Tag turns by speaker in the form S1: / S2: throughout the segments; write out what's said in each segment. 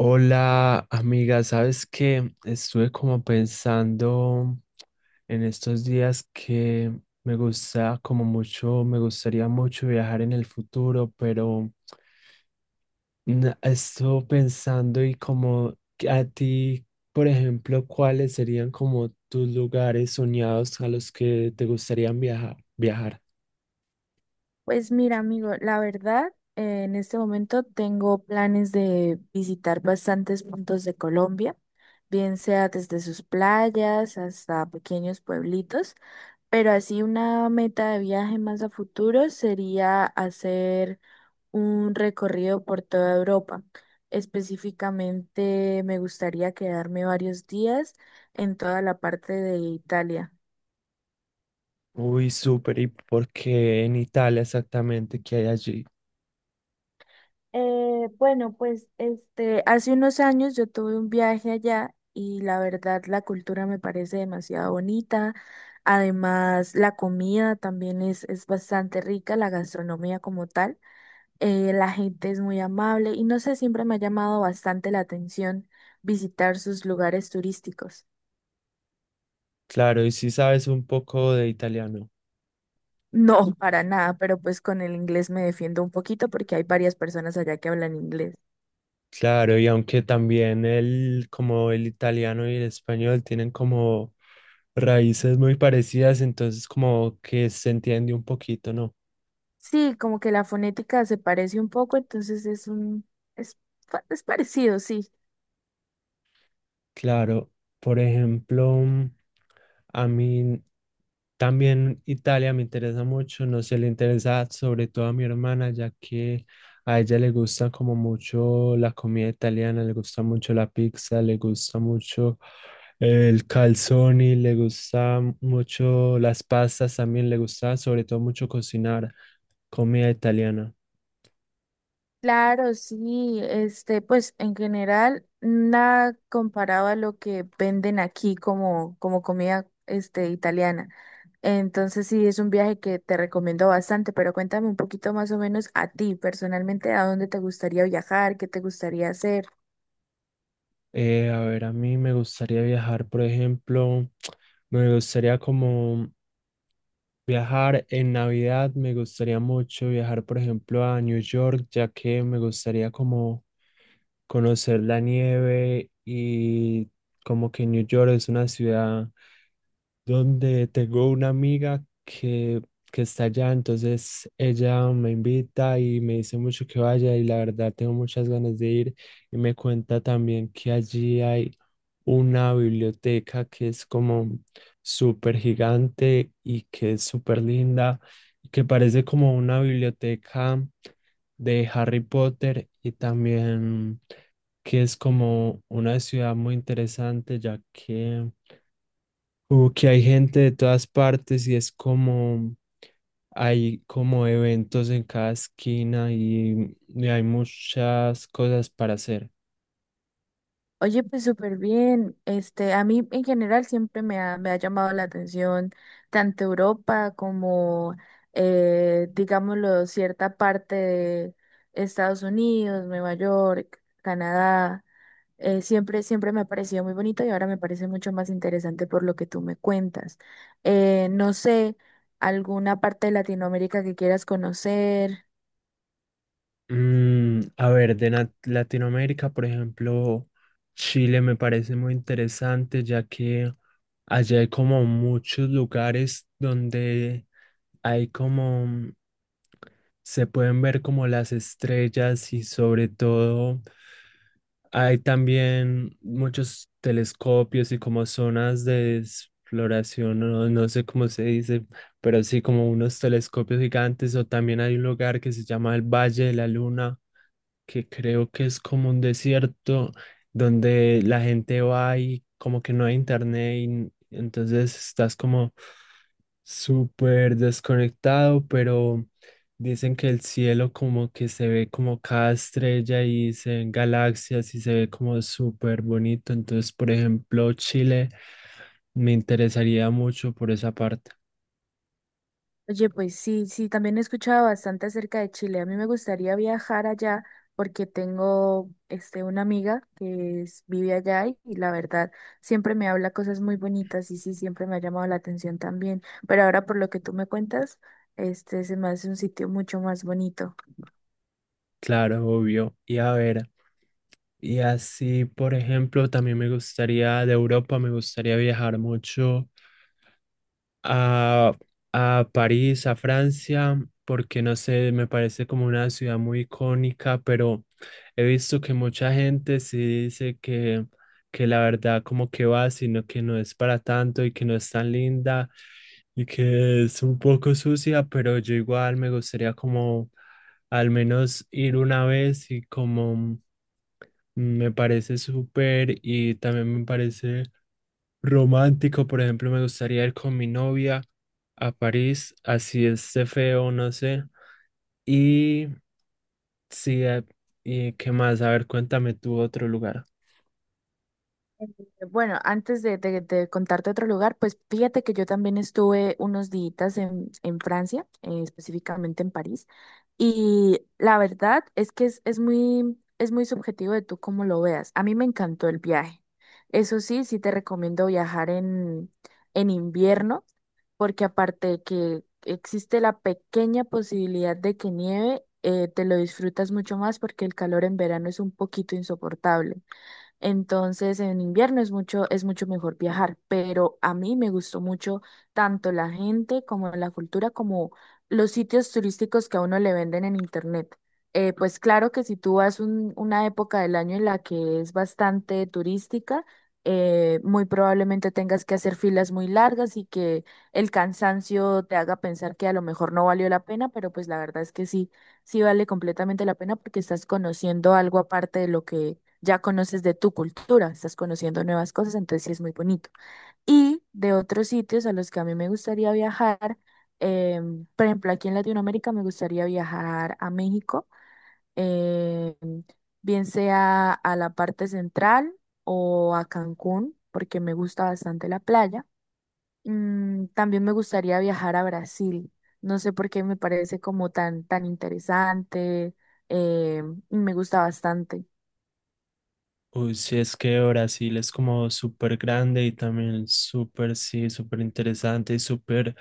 S1: Hola amiga, sabes que estuve como pensando en estos días que me gusta como mucho, me gustaría mucho viajar en el futuro, pero estuve pensando y como que a ti, por ejemplo, ¿cuáles serían como tus lugares soñados a los que te gustaría viajar? Viajar.
S2: Pues mira, amigo, la verdad, en este momento tengo planes de visitar bastantes puntos de Colombia, bien sea desde sus playas hasta pequeños pueblitos, pero así una meta de viaje más a futuro sería hacer un recorrido por toda Europa. Específicamente me gustaría quedarme varios días en toda la parte de Italia.
S1: Uy, súper, ¿y por qué en Italia exactamente? ¿Qué hay allí?
S2: Bueno, pues este, hace unos años yo tuve un viaje allá y la verdad la cultura me parece demasiado bonita. Además, la comida también es bastante rica, la gastronomía como tal. La gente es muy amable y no sé, siempre me ha llamado bastante la atención visitar sus lugares turísticos.
S1: Claro, ¿y si sabes un poco de italiano?
S2: No, para nada, pero pues con el inglés me defiendo un poquito porque hay varias personas allá que hablan inglés.
S1: Claro, y aunque también el, como el italiano y el español tienen como raíces muy parecidas, entonces como que se entiende un poquito, ¿no?
S2: Sí, como que la fonética se parece un poco, entonces es un, es, pa- es parecido, sí.
S1: Claro, por ejemplo, a mí también Italia me interesa mucho, no sé, le interesa sobre todo a mi hermana, ya que a ella le gusta como mucho la comida italiana, le gusta mucho la pizza, le gusta mucho el calzoni, le gusta mucho las pastas también, le gusta sobre todo mucho cocinar comida italiana.
S2: Claro, sí, este, pues en general, nada comparado a lo que venden aquí como comida, este, italiana. Entonces sí, es un viaje que te recomiendo bastante, pero cuéntame un poquito más o menos a ti personalmente, a dónde te gustaría viajar, qué te gustaría hacer.
S1: A ver, a mí me gustaría viajar, por ejemplo, me gustaría como viajar en Navidad, me gustaría mucho viajar, por ejemplo, a New York, ya que me gustaría como conocer la nieve y como que New York es una ciudad donde tengo una amiga que está allá, entonces ella me invita y me dice mucho que vaya y la verdad tengo muchas ganas de ir y me cuenta también que allí hay una biblioteca que es como súper gigante y que es súper linda y que parece como una biblioteca de Harry Potter y también que es como una ciudad muy interesante ya que como que hay gente de todas partes y es como, hay como eventos en cada esquina y hay muchas cosas para hacer.
S2: Oye, pues súper bien. Este, a mí en general siempre me ha llamado la atención tanto Europa como, digámoslo, cierta parte de Estados Unidos, Nueva York, Canadá. Siempre me ha parecido muy bonito y ahora me parece mucho más interesante por lo que tú me cuentas. No sé, alguna parte de Latinoamérica que quieras conocer.
S1: Mm, a ver, de Latinoamérica, por ejemplo, Chile me parece muy interesante, ya que allá hay como muchos lugares donde hay como, se pueden ver como las estrellas y sobre todo... Hay también muchos telescopios y como zonas de exploración, no, no sé cómo se dice, pero sí como unos telescopios gigantes o también hay un lugar que se llama el Valle de la Luna, que creo que es como un desierto donde la gente va y como que no hay internet entonces estás como súper desconectado, pero dicen que el cielo como que se ve como cada estrella y se ven galaxias y se ve como súper bonito. Entonces, por ejemplo, Chile me interesaría mucho por esa parte.
S2: Oye, pues sí, sí, también he escuchado bastante acerca de Chile. A mí me gustaría viajar allá porque tengo este, una amiga vive allá y la verdad siempre me habla cosas muy bonitas y sí, siempre me ha llamado la atención también. Pero ahora por lo que tú me cuentas, este se me hace un sitio mucho más bonito.
S1: Claro, obvio. Y a ver, y así, por ejemplo, también me gustaría de Europa, me gustaría viajar mucho a, a París, a Francia, porque no sé, me parece como una ciudad muy icónica, pero he visto que mucha gente sí dice que la verdad como que va, sino que no es para tanto y que no es tan linda y que es un poco sucia, pero yo igual me gustaría como al menos ir una vez y como me parece súper y también me parece... Romántico, por ejemplo, me gustaría ir con mi novia a París, así esté feo, no sé. Y sí, y qué más, a ver, cuéntame tú otro lugar.
S2: Bueno, de contarte otro lugar, pues fíjate que yo también estuve unos días en Francia, específicamente en París, y la verdad es que es muy subjetivo de tú cómo lo veas. A mí me encantó el viaje. Eso sí, sí te recomiendo viajar en invierno, porque aparte de que existe la pequeña posibilidad de que nieve, te lo disfrutas mucho más porque el calor en verano es un poquito insoportable. Entonces, en invierno es mucho mejor viajar, pero a mí me gustó mucho tanto la gente como la cultura, como los sitios turísticos que a uno le venden en internet. Pues claro que si tú vas una época del año en la que es bastante turística, muy probablemente tengas que hacer filas muy largas y que el cansancio te haga pensar que a lo mejor no valió la pena, pero pues la verdad es que sí, sí vale completamente la pena porque estás conociendo algo aparte de lo que ya conoces de tu cultura, estás conociendo nuevas cosas, entonces sí es muy bonito. Y de otros sitios a los que a mí me gustaría viajar, por ejemplo, aquí en Latinoamérica me gustaría viajar a México, em, bien sea a la parte central o a Cancún, porque me gusta bastante la playa. Mm, también me gustaría viajar a Brasil. No sé por qué me parece como tan, tan interesante, y me gusta bastante.
S1: Uy, sí, es que Brasil es como súper grande y también súper, sí, súper interesante y súper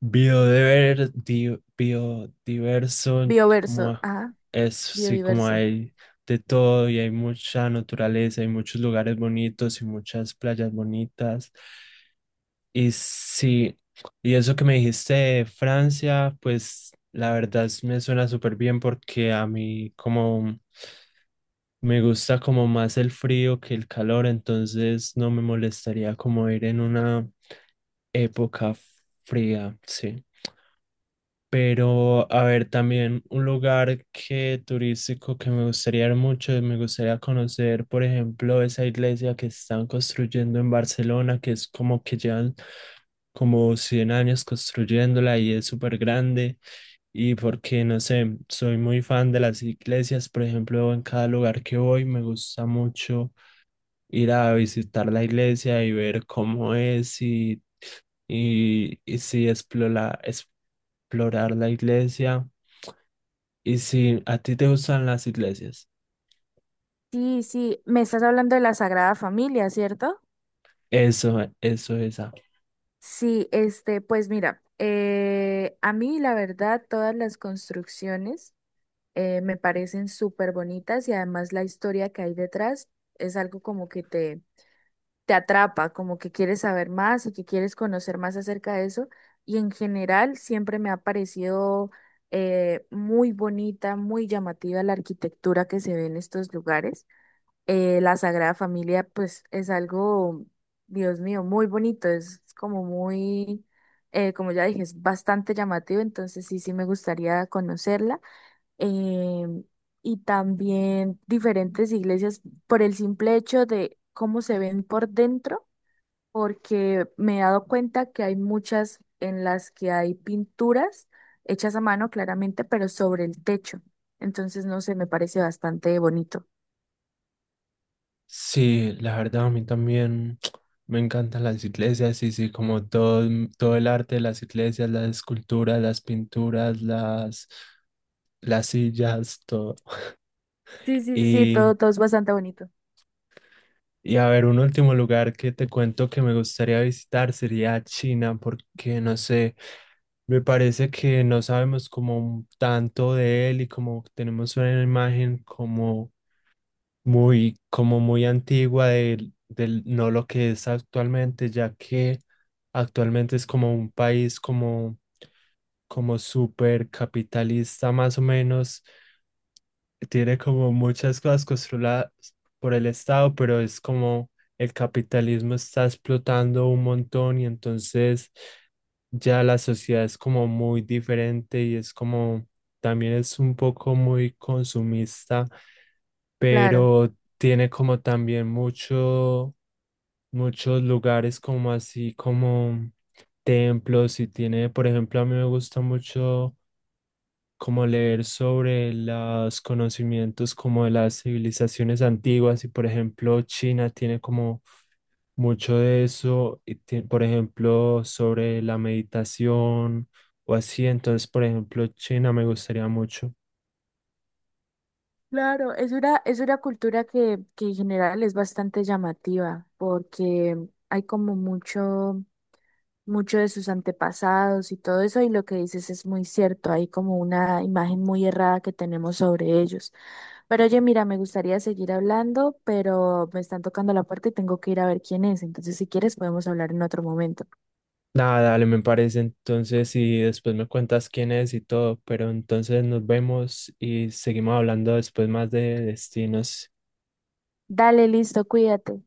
S1: biodiverso,
S2: Bioverso,
S1: como
S2: ajá.
S1: es, sí, como
S2: Biodiverso.
S1: hay de todo y hay mucha naturaleza, hay muchos lugares bonitos y muchas playas bonitas. Y sí, y eso que me dijiste de Francia, pues la verdad me suena súper bien porque a mí como me gusta como más el frío que el calor, entonces no me molestaría como ir en una época fría, sí. Pero, a ver, también un lugar que turístico que me gustaría ir mucho, me gustaría conocer, por ejemplo, esa iglesia que están construyendo en Barcelona, que es como que llevan como 100 años construyéndola y es súper grande. Y porque, no sé, soy muy fan de las iglesias, por ejemplo, en cada lugar que voy me gusta mucho ir a visitar la iglesia y ver cómo es y sí, explorar, explorar la iglesia. Y si a ti te gustan las iglesias,
S2: Sí, sí, me estás hablando de la Sagrada Familia, ¿cierto?
S1: eso, esa.
S2: Sí, este, pues mira, a mí la verdad todas las construcciones me parecen súper bonitas y además la historia que hay detrás es algo como que te atrapa, como que quieres saber más y que quieres conocer más acerca de eso. Y en general siempre me ha parecido muy bonita, muy llamativa la arquitectura que se ve en estos lugares. La Sagrada Familia, pues es algo, Dios mío, muy bonito, es como muy, como ya dije, es bastante llamativo, entonces sí, sí me gustaría conocerla. Em, y también diferentes iglesias por el simple hecho de cómo se ven por dentro, porque me he dado cuenta que hay muchas en las que hay pinturas hechas a mano, claramente, pero sobre el techo. Entonces, no sé, me parece bastante bonito.
S1: Sí, la verdad, a mí también me encantan las iglesias y sí, como todo, todo el arte de las iglesias, las esculturas, las pinturas, las sillas, todo.
S2: Sí, sí, sí,
S1: Y,
S2: todo, todo es bastante bonito.
S1: y a ver, un último lugar que te cuento que me gustaría visitar sería China, porque no sé, me parece que no sabemos como tanto de él y como tenemos una imagen como muy antigua del no lo que es actualmente, ya que actualmente es como un país como, como súper capitalista más o menos, tiene como muchas cosas controladas por el Estado, pero es como el capitalismo está explotando un montón y entonces ya la sociedad es como muy diferente y es como también es un poco muy consumista,
S2: Claro,
S1: pero tiene como también mucho, muchos lugares como así como templos y tiene, por ejemplo, a mí me gusta mucho como leer sobre los conocimientos como de las civilizaciones antiguas y por ejemplo China tiene como mucho de eso, por ejemplo sobre la meditación o así, entonces por ejemplo China me gustaría mucho.
S2: claro, es una cultura que en general es bastante llamativa porque hay como mucho de sus antepasados y todo eso y lo que dices es muy cierto, hay como una imagen muy errada que tenemos sobre ellos. Pero oye, mira, me gustaría seguir hablando, pero me están tocando la puerta y tengo que ir a ver quién es, entonces si quieres podemos hablar en otro momento.
S1: Nada, dale, me parece entonces y después me cuentas quién es y todo, pero entonces nos vemos y seguimos hablando después más de destinos.
S2: Dale, listo, cuídate.